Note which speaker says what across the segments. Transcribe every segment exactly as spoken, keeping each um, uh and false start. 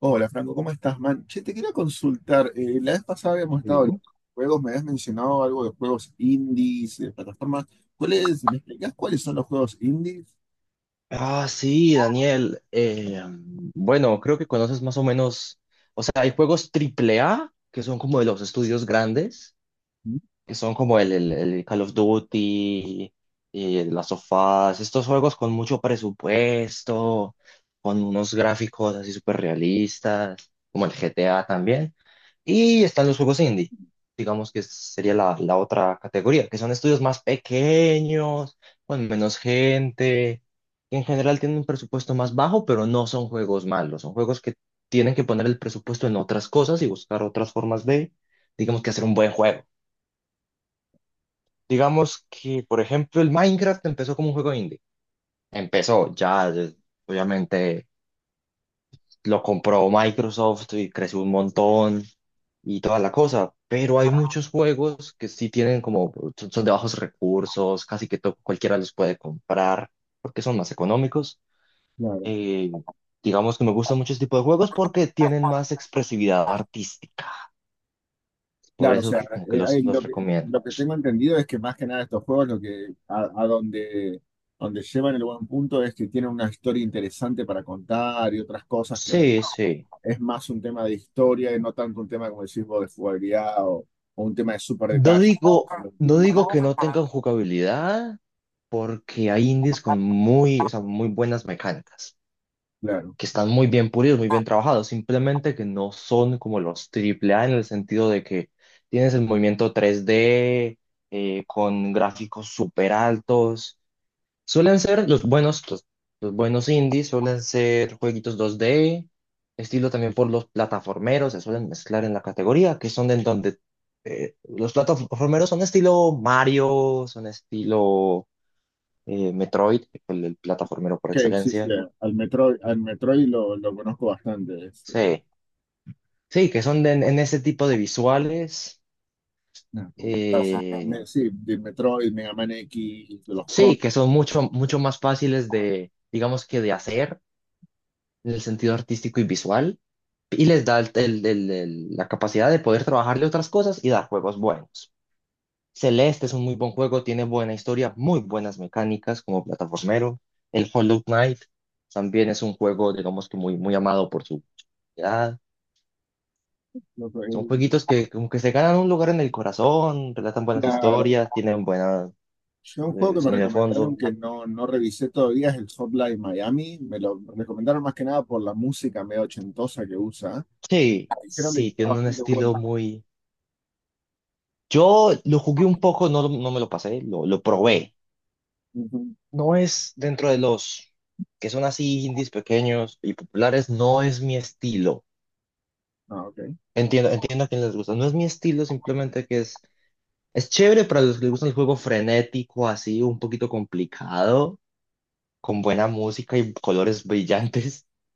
Speaker 1: Hola Franco, ¿cómo estás, man? Che, te quería consultar. Eh, la vez pasada habíamos estado hablando
Speaker 2: Sí.
Speaker 1: de juegos, me habías mencionado algo de juegos indies, de plataformas. ¿Cuáles, me explicás cuáles son los juegos indies?
Speaker 2: Ah, sí, Daniel. Eh, bueno, creo que conoces más o menos, o sea, hay juegos triple A, que son como de los estudios grandes,
Speaker 1: Mm.
Speaker 2: que son como el, el- el Call of Duty, y las sofás, estos juegos con mucho presupuesto, con unos gráficos así súper realistas, como el G T A también. Y están los juegos indie, digamos que sería la, la otra categoría, que son estudios más pequeños, con menos gente, que en general tienen un presupuesto más bajo, pero no son juegos malos, son juegos que tienen que poner el presupuesto en otras cosas y buscar otras formas de, digamos que hacer un buen juego. Digamos que, por ejemplo, el Minecraft empezó como un juego indie. Empezó, ya, eh, obviamente lo compró Microsoft y creció un montón y toda la cosa, pero hay muchos juegos que sí tienen como, son son de bajos recursos, casi que to- cualquiera los puede comprar porque son más económicos.
Speaker 1: Claro,
Speaker 2: Eh, digamos que me gustan muchos tipos de juegos porque tienen más expresividad artística, por
Speaker 1: claro, o
Speaker 2: eso
Speaker 1: sea,
Speaker 2: que como que
Speaker 1: eh,
Speaker 2: los,
Speaker 1: hay-
Speaker 2: los
Speaker 1: lo que,
Speaker 2: recomiendo.
Speaker 1: lo que tengo entendido es que más que nada estos juegos, lo que a, a donde, donde llevan el buen punto es que tienen una historia interesante para contar y otras cosas que no-
Speaker 2: Sí, sí.
Speaker 1: es más un tema de historia y no tanto un tema, como decís vos, de jugabilidad o, o un tema de super
Speaker 2: No
Speaker 1: detalle.
Speaker 2: digo, no digo que no tengan jugabilidad, porque hay indies con muy, o sea, muy buenas mecánicas.
Speaker 1: Claro.
Speaker 2: Que están muy bien pulidos, muy bien trabajados, simplemente que no son como los triple A en el sentido de que tienes el movimiento tres D eh, con gráficos súper altos. Suelen ser los buenos, los, los buenos indies, suelen ser jueguitos dos D, estilo también por los plataformeros, se suelen mezclar en la categoría, que son en donde eh, los plataformeros son estilo Mario, son estilo eh, Metroid, el el plataformero por
Speaker 1: Ok, sí, sí,
Speaker 2: excelencia.
Speaker 1: al Metroid, al Metroid lo, lo conozco bastante. Es, eh,
Speaker 2: Sí. Sí, que son de- en ese tipo de visuales.
Speaker 1: nada, como que pasa,
Speaker 2: eh,
Speaker 1: me- sí, de Metroid, Mega Man X, de los
Speaker 2: sí,
Speaker 1: Con.
Speaker 2: que son mucho, mucho más fáciles de, digamos que de hacer en el sentido artístico y visual. Y les da el- el- el- el- la capacidad de poder trabajarle otras cosas y dar juegos buenos. Celeste es un muy buen juego, tiene buena historia, muy buenas mecánicas como plataformero. El Hollow Knight también es un juego, digamos que muy, muy amado por su comunidad.
Speaker 1: lo
Speaker 2: Son
Speaker 1: que-
Speaker 2: jueguitos que como que se ganan un lugar en el corazón, relatan buenas
Speaker 1: la-
Speaker 2: historias, tienen buena
Speaker 1: yo un juego
Speaker 2: de
Speaker 1: que me
Speaker 2: sonido de
Speaker 1: recomendaron
Speaker 2: fondo.
Speaker 1: que no, no revisé todavía es el Hotline Miami. Me lo recomendaron más que nada por la música medio ochentosa que usa.
Speaker 2: Sí,
Speaker 1: Dijeron de que
Speaker 2: sí,
Speaker 1: está
Speaker 2: tiene un
Speaker 1: bastante bueno,
Speaker 2: estilo
Speaker 1: ¿no?
Speaker 2: muy... Yo lo jugué un poco, no, no me lo pasé, lo, lo probé.
Speaker 1: Ujú.
Speaker 2: No es dentro de los que son así indies pequeños y populares, no es mi estilo.
Speaker 1: Ah, ok.
Speaker 2: Entiendo, entiendo a quien les gusta. No es mi estilo, simplemente que es, es chévere para los que les gusta el juego frenético, así, un poquito complicado, con buena música y colores brillantes.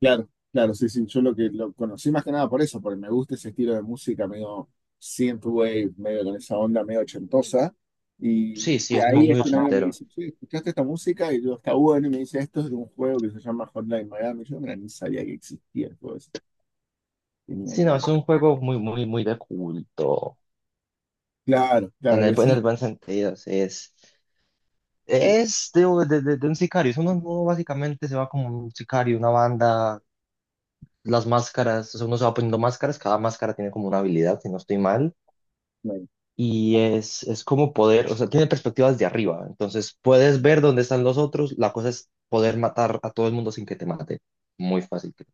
Speaker 1: Claro, claro, sí, sí, yo lo que lo conocí más que nada por eso, porque me gusta ese estilo de música medio synthwave, medio con esa onda medio ochentosa, y de
Speaker 2: Sí, sí, es muy,
Speaker 1: ahí es
Speaker 2: muy
Speaker 1: que un amigo me
Speaker 2: ochentero.
Speaker 1: dice, che, ¿escuchaste esta música? Y yo, está bueno, y me dice, esto es de un juego que se llama Hotline Miami, yo mira, ni sabía que existía el juego ese, tenía ni
Speaker 2: Sí, no,
Speaker 1: idea.
Speaker 2: es un juego muy, muy, muy de culto.
Speaker 1: Claro,
Speaker 2: En
Speaker 1: claro, y
Speaker 2: el, en
Speaker 1: sí,
Speaker 2: el buen sentido, sí, es,
Speaker 1: sí, bueno,
Speaker 2: es de, de- de- de un sicario. Eso uno, uno básicamente se va como un sicario, una banda, las máscaras, o sea, uno se va poniendo máscaras, cada máscara tiene como una habilidad, si no estoy mal,
Speaker 1: claro.
Speaker 2: y es, es como poder, o sea, tiene perspectivas de arriba, entonces puedes ver dónde están los otros, la cosa es poder matar a todo el mundo sin que te mate. Muy fácil. Creo.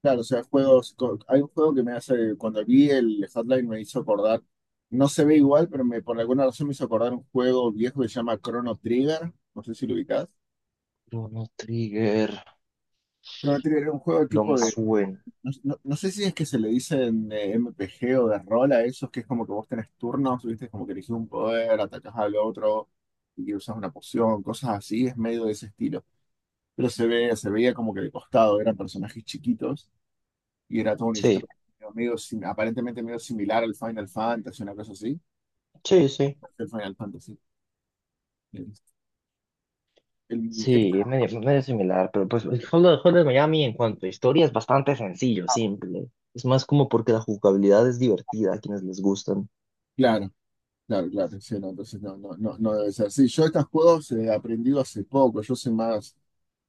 Speaker 1: Claro, o sea, juegos, co- hay un juego que me hace, cuando vi el Hotline me hizo acordar, no se ve igual, pero me, por alguna razón me hizo acordar un juego viejo que se llama Chrono Trigger, no sé si lo ubicás.
Speaker 2: Chrono Trigger,
Speaker 1: Chrono Trigger era un juego
Speaker 2: no me
Speaker 1: tipo de.
Speaker 2: suena.
Speaker 1: No, no- no sé si es que se le dicen eh, M P G o de rol a esos, que es como que vos tenés turnos, viste, como que elegís un poder, atacás al otro y que usas una poción, cosas así, es medio de ese estilo. Pero se ve, se veía como que de costado, eran personajes chiquitos y era toda una
Speaker 2: Sí,
Speaker 1: historia medio, medio sim- aparentemente medio similar al Final Fantasy, una cosa así.
Speaker 2: sí, sí.
Speaker 1: El Final Fantasy. El- el- el-
Speaker 2: Sí, medio, medio similar, pero pues el Hotline Hotline Miami en cuanto a historia es bastante sencillo, simple. Es más como porque la jugabilidad es divertida a quienes les gustan.
Speaker 1: claro. Claro, claro, sí, no, entonces no, no, no, no debe ser. Sí, yo estos juegos eh, he aprendido hace poco, yo soy más,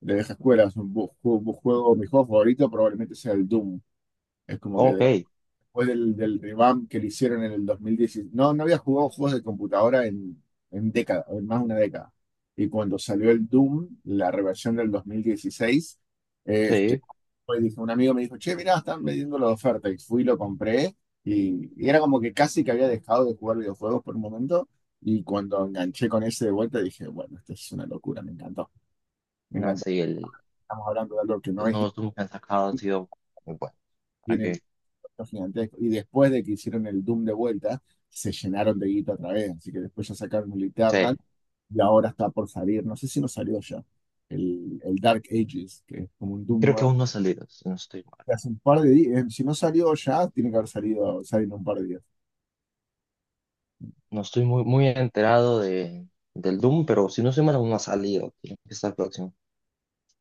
Speaker 1: de vieja escuela. Es un bu- ju- bu- juego, mi juego favorito probablemente sea el Doom. Es como que
Speaker 2: Ok,
Speaker 1: después del, del revamp que le hicieron en el dos mil dieciséis. No, no había jugado juegos de computadora en, en década, en más de una década. Y cuando salió el Doom, la reversión del dos mil dieciséis, este,
Speaker 2: sí.
Speaker 1: pues dije, un amigo me dijo, che, mirá, están vendiendo la oferta. Y fui, lo compré. Y, y era como que casi que había dejado de jugar videojuegos por un momento. Y cuando enganché con ese de vuelta, dije, bueno, esto es una locura, me encantó. Me
Speaker 2: No,
Speaker 1: encantó.
Speaker 2: sí, el-
Speaker 1: Estamos hablando de algo que no
Speaker 2: los
Speaker 1: es
Speaker 2: nuevos Doom que han sacado han sido muy buenos. ¿Para
Speaker 1: tienen
Speaker 2: qué?
Speaker 1: gigantesco. Y después de que hicieron el Doom de vuelta, se llenaron de guita otra vez. Así que después ya sacaron el
Speaker 2: Sí,
Speaker 1: Eternal y ahora está por salir. No sé si no salió ya. El, el Dark Ages, que es como un Doom
Speaker 2: creo que
Speaker 1: nuevo.
Speaker 2: aún no ha salido, si no estoy mal.
Speaker 1: Que Hace un par de días. Si no salió ya, tiene que haber salido, salido en un par de días.
Speaker 2: No estoy muy, muy enterado de, del Doom, pero si no estoy mal, aún no ha salido. Tiene que estar próximo.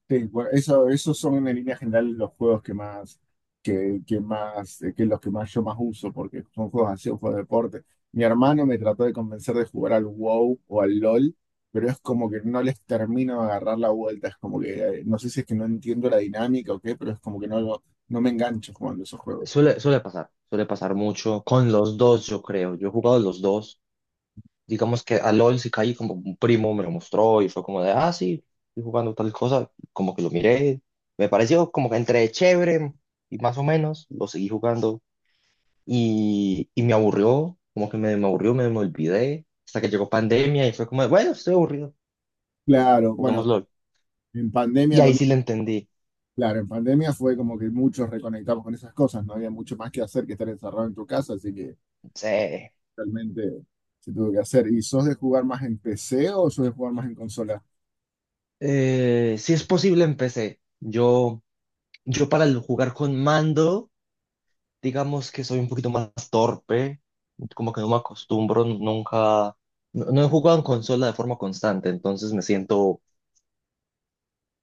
Speaker 1: Sí, bueno, eso, esos son en línea general los juegos que más, que, que más, eh, que los que más yo más uso, porque son juegos así, un juego de deporte. Mi hermano me trató de convencer de jugar al WoW o al LOL, pero es como que no les termino de agarrar la vuelta, es como que, eh, no sé si es que no entiendo la dinámica o qué, pero es como que no, lo- no me engancho jugando esos juegos.
Speaker 2: Suele, suele pasar, suele pasar mucho con los dos, yo creo. Yo he jugado los dos, digamos que a LOL sí caí como un primo me lo mostró y fue como de, ah, sí, estoy jugando tal cosa, como que lo miré, me pareció como que entre chévere y más o menos, lo seguí jugando y, y me aburrió, como que me, me aburrió, me, me olvidé, hasta que llegó pandemia y fue como de, bueno, estoy aburrido,
Speaker 1: Claro, bueno,
Speaker 2: juguemos LOL.
Speaker 1: en
Speaker 2: Y
Speaker 1: pandemia lo
Speaker 2: ahí
Speaker 1: mi-
Speaker 2: sí le entendí,
Speaker 1: claro, en pandemia fue como que muchos reconectamos con esas cosas, no había mucho más que hacer que estar encerrado en tu casa, así que
Speaker 2: sí,
Speaker 1: realmente se tuvo que hacer. ¿Y sos de jugar más en P C o sos de jugar más en consola?
Speaker 2: eh, si es posible empecé, yo, yo para el jugar con mando... Digamos que soy un poquito más torpe, como que no me acostumbro, nunca, no, no he jugado en consola de forma constante, entonces me siento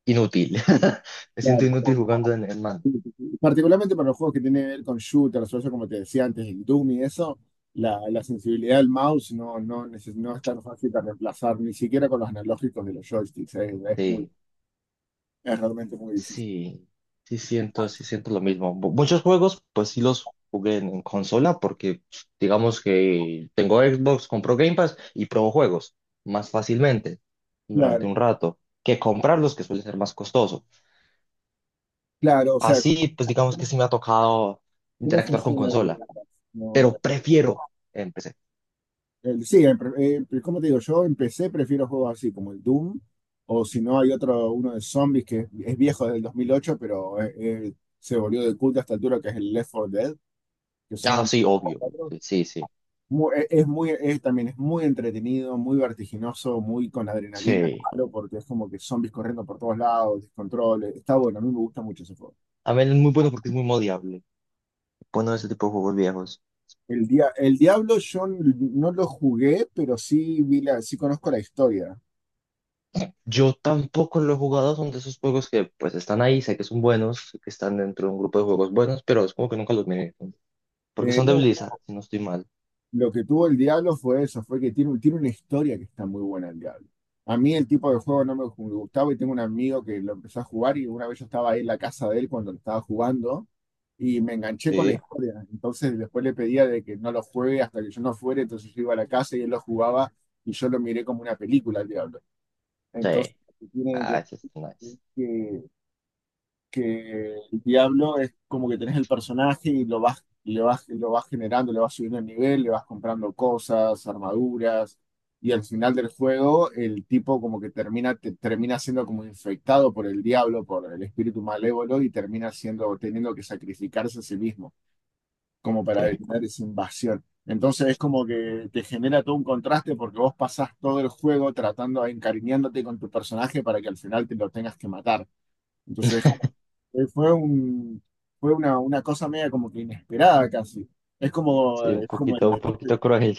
Speaker 2: inútil. Me siento inútil
Speaker 1: Claro.
Speaker 2: jugando en, en mano.
Speaker 1: Particularmente para los juegos que tienen que ver con shooters, o eso como te decía antes, el Doom y eso, la, la sensibilidad del mouse no, no, neces- no es tan fácil de reemplazar, ni siquiera con los analógicos de los joysticks, es Es, muy,
Speaker 2: Sí,
Speaker 1: es realmente muy difícil.
Speaker 2: sí, sí siento, sí siento lo mismo. Mu- Muchos juegos, pues sí los jugué en, en consola porque digamos que tengo Xbox, compro Game Pass y pruebo juegos más fácilmente durante
Speaker 1: Claro,
Speaker 2: un rato que comprarlos, que suele ser más costoso.
Speaker 1: claro, o sea,
Speaker 2: Así, pues digamos que sí me ha tocado
Speaker 1: ¿cómo
Speaker 2: interactuar con
Speaker 1: funciona? El-
Speaker 2: consola,
Speaker 1: no.
Speaker 2: pero prefiero en P C.
Speaker 1: Eh, sí, eh, eh, pre- Como te digo, yo empecé, prefiero juegos así como el Doom, o si no, hay otro, uno de zombies que es viejo del dos mil ocho, pero eh, eh, se volvió de culto a esta altura, que es el Left four Dead, que
Speaker 2: Ah,
Speaker 1: son
Speaker 2: sí, obvio.
Speaker 1: cuatro.
Speaker 2: Sí, sí, sí.
Speaker 1: Mu- e- es muy, es, también es muy entretenido, muy vertiginoso, muy con adrenalina,
Speaker 2: Sí.
Speaker 1: claro, porque es como que zombies corriendo por todos lados, descontrol, eh, está bueno, a mí me gusta mucho ese juego.
Speaker 2: A ver, es muy bueno porque es muy modiable. Bueno, ese tipo de juegos viejos.
Speaker 1: El, dia- el Diablo yo n- no lo jugué, pero sí, vi la, sí conozco la historia.
Speaker 2: Yo tampoco lo he jugado, son de esos juegos que pues están ahí, sé que son buenos, sé que están dentro de un grupo de juegos buenos, pero es como que nunca los miré, ¿no? Porque
Speaker 1: Eh,
Speaker 2: son de
Speaker 1: no.
Speaker 2: Blizzard, si no estoy mal.
Speaker 1: Lo que tuvo el Diablo fue eso, fue que tiene, tiene una historia que está muy buena el Diablo. A mí el tipo de juego no me gu- me gustaba y tengo un amigo que lo empezó a jugar y una vez yo estaba ahí en la casa de él cuando lo estaba jugando y me enganché con la
Speaker 2: Sí.
Speaker 1: historia. Entonces después le pedía de que no lo juegue hasta que yo no fuera, entonces yo iba a la casa y él lo jugaba y yo lo miré como una película el Diablo. Entonces,
Speaker 2: Sí.
Speaker 1: lo que tiene de-
Speaker 2: Ah, eso es nice.
Speaker 1: es que que el diablo es como que tenés el personaje y lo vas, le vas, lo vas generando, le vas subiendo el nivel, le vas comprando cosas, armaduras, y al final del juego el tipo como que termina, te- termina siendo como infectado por el diablo, por el espíritu malévolo, y termina siendo, teniendo que sacrificarse a sí mismo, como para
Speaker 2: Sí.
Speaker 1: detener esa invasión. Entonces es como que te genera todo un contraste porque vos pasás todo el juego tratando, encariñándote con tu personaje para que al final te lo tengas que matar. Entonces eh, fue un, fue una, una cosa media como que inesperada casi. Es como,
Speaker 2: Sí, un
Speaker 1: es como el
Speaker 2: poquito, un
Speaker 1: deporte.
Speaker 2: poquito cruel.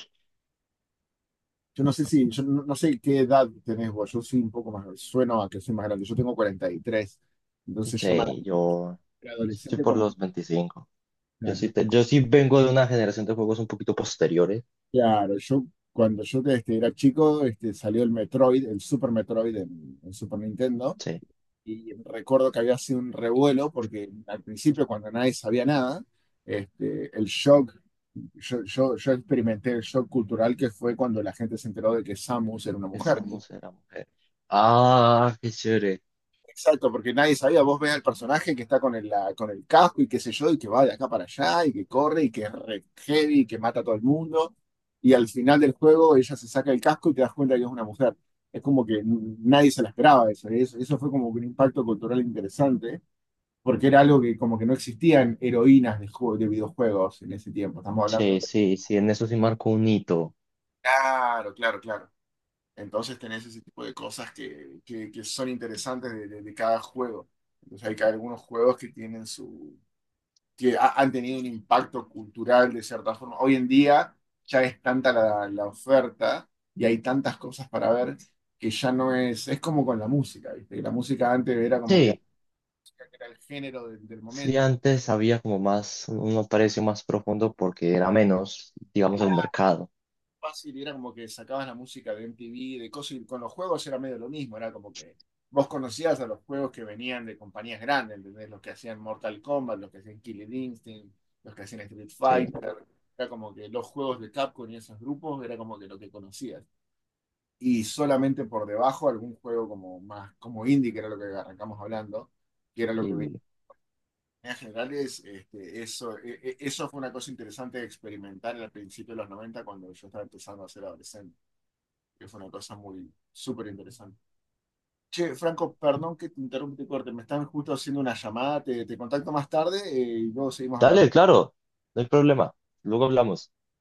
Speaker 1: Yo no sé si, yo no, no sé qué edad tenés vos, yo soy un poco más, sueno a que soy más grande, yo tengo cuarenta y tres. Entonces yo me
Speaker 2: Sí, yo
Speaker 1: era
Speaker 2: estoy
Speaker 1: adolescente
Speaker 2: por
Speaker 1: cuando,
Speaker 2: los veinticinco. Yo
Speaker 1: claro,
Speaker 2: sí, te- yo sí vengo de una generación de juegos un poquito posteriores.
Speaker 1: claro, yo cuando yo este, era chico, este, salió el Metroid, el Super Metroid en, en Super Nintendo,
Speaker 2: Sí.
Speaker 1: y recuerdo que había sido un revuelo porque al principio cuando nadie sabía nada, este, el shock yo, yo, yo experimenté el shock cultural que fue cuando la gente se enteró de que Samus era una mujer.
Speaker 2: Estamos, era mujer. Ah, qué chévere.
Speaker 1: Exacto, porque nadie sabía. Vos ves al personaje que está con el, la- con el casco y qué sé yo, y que va de acá para allá, y que corre, y que es re heavy, y que mata a todo el mundo. Y al final del juego ella se saca el casco y te das cuenta que es una mujer. Es como que n- nadie se la esperaba eso. y Eso, eso fue como un impacto cultural interesante, porque era algo que como que no existían heroínas de, jue- de videojuegos en ese tiempo. Estamos hablando.
Speaker 2: Sí, sí, sí, en eso sí marcó un hito.
Speaker 1: Claro, claro, claro. Entonces tenés ese tipo de cosas que, que, que son interesantes de, de- de cada juego. Entonces hay que- algunos juegos que tienen su, que ha- han tenido un impacto cultural de cierta forma. Hoy en día ya es tanta la, la oferta y hay tantas cosas para ver que ya no es, es como con la música, ¿viste? Que la música antes era como que
Speaker 2: Sí,
Speaker 1: era el género del, del
Speaker 2: sí,
Speaker 1: momento
Speaker 2: antes había como más, un precio más profundo porque era menos, digamos, el mercado.
Speaker 1: fácil y era como que sacabas la música de M T V, de cosas, y con los juegos era medio lo mismo, era como que vos conocías a los juegos que venían de compañías grandes, ¿entendés? Los que hacían Mortal Kombat, los que hacían Killer Instinct, los que hacían Street
Speaker 2: Sí,
Speaker 1: Fighter, era como que los juegos de Capcom y esos grupos era como que lo que conocías. Y solamente por debajo algún juego como más, como indie, que era lo que arrancamos hablando, que era lo que venía.
Speaker 2: sí.
Speaker 1: En general es, este, eso, e- e- eso fue una cosa interesante de experimentar al principio de los noventa cuando yo estaba empezando a ser adolescente que fue una cosa muy súper interesante. Che, Franco, perdón que te interrumpa y te corte, me están justo haciendo una llamada, te, te contacto más tarde eh, y luego seguimos hablando.
Speaker 2: Dale, claro, no hay problema. Luego hablamos.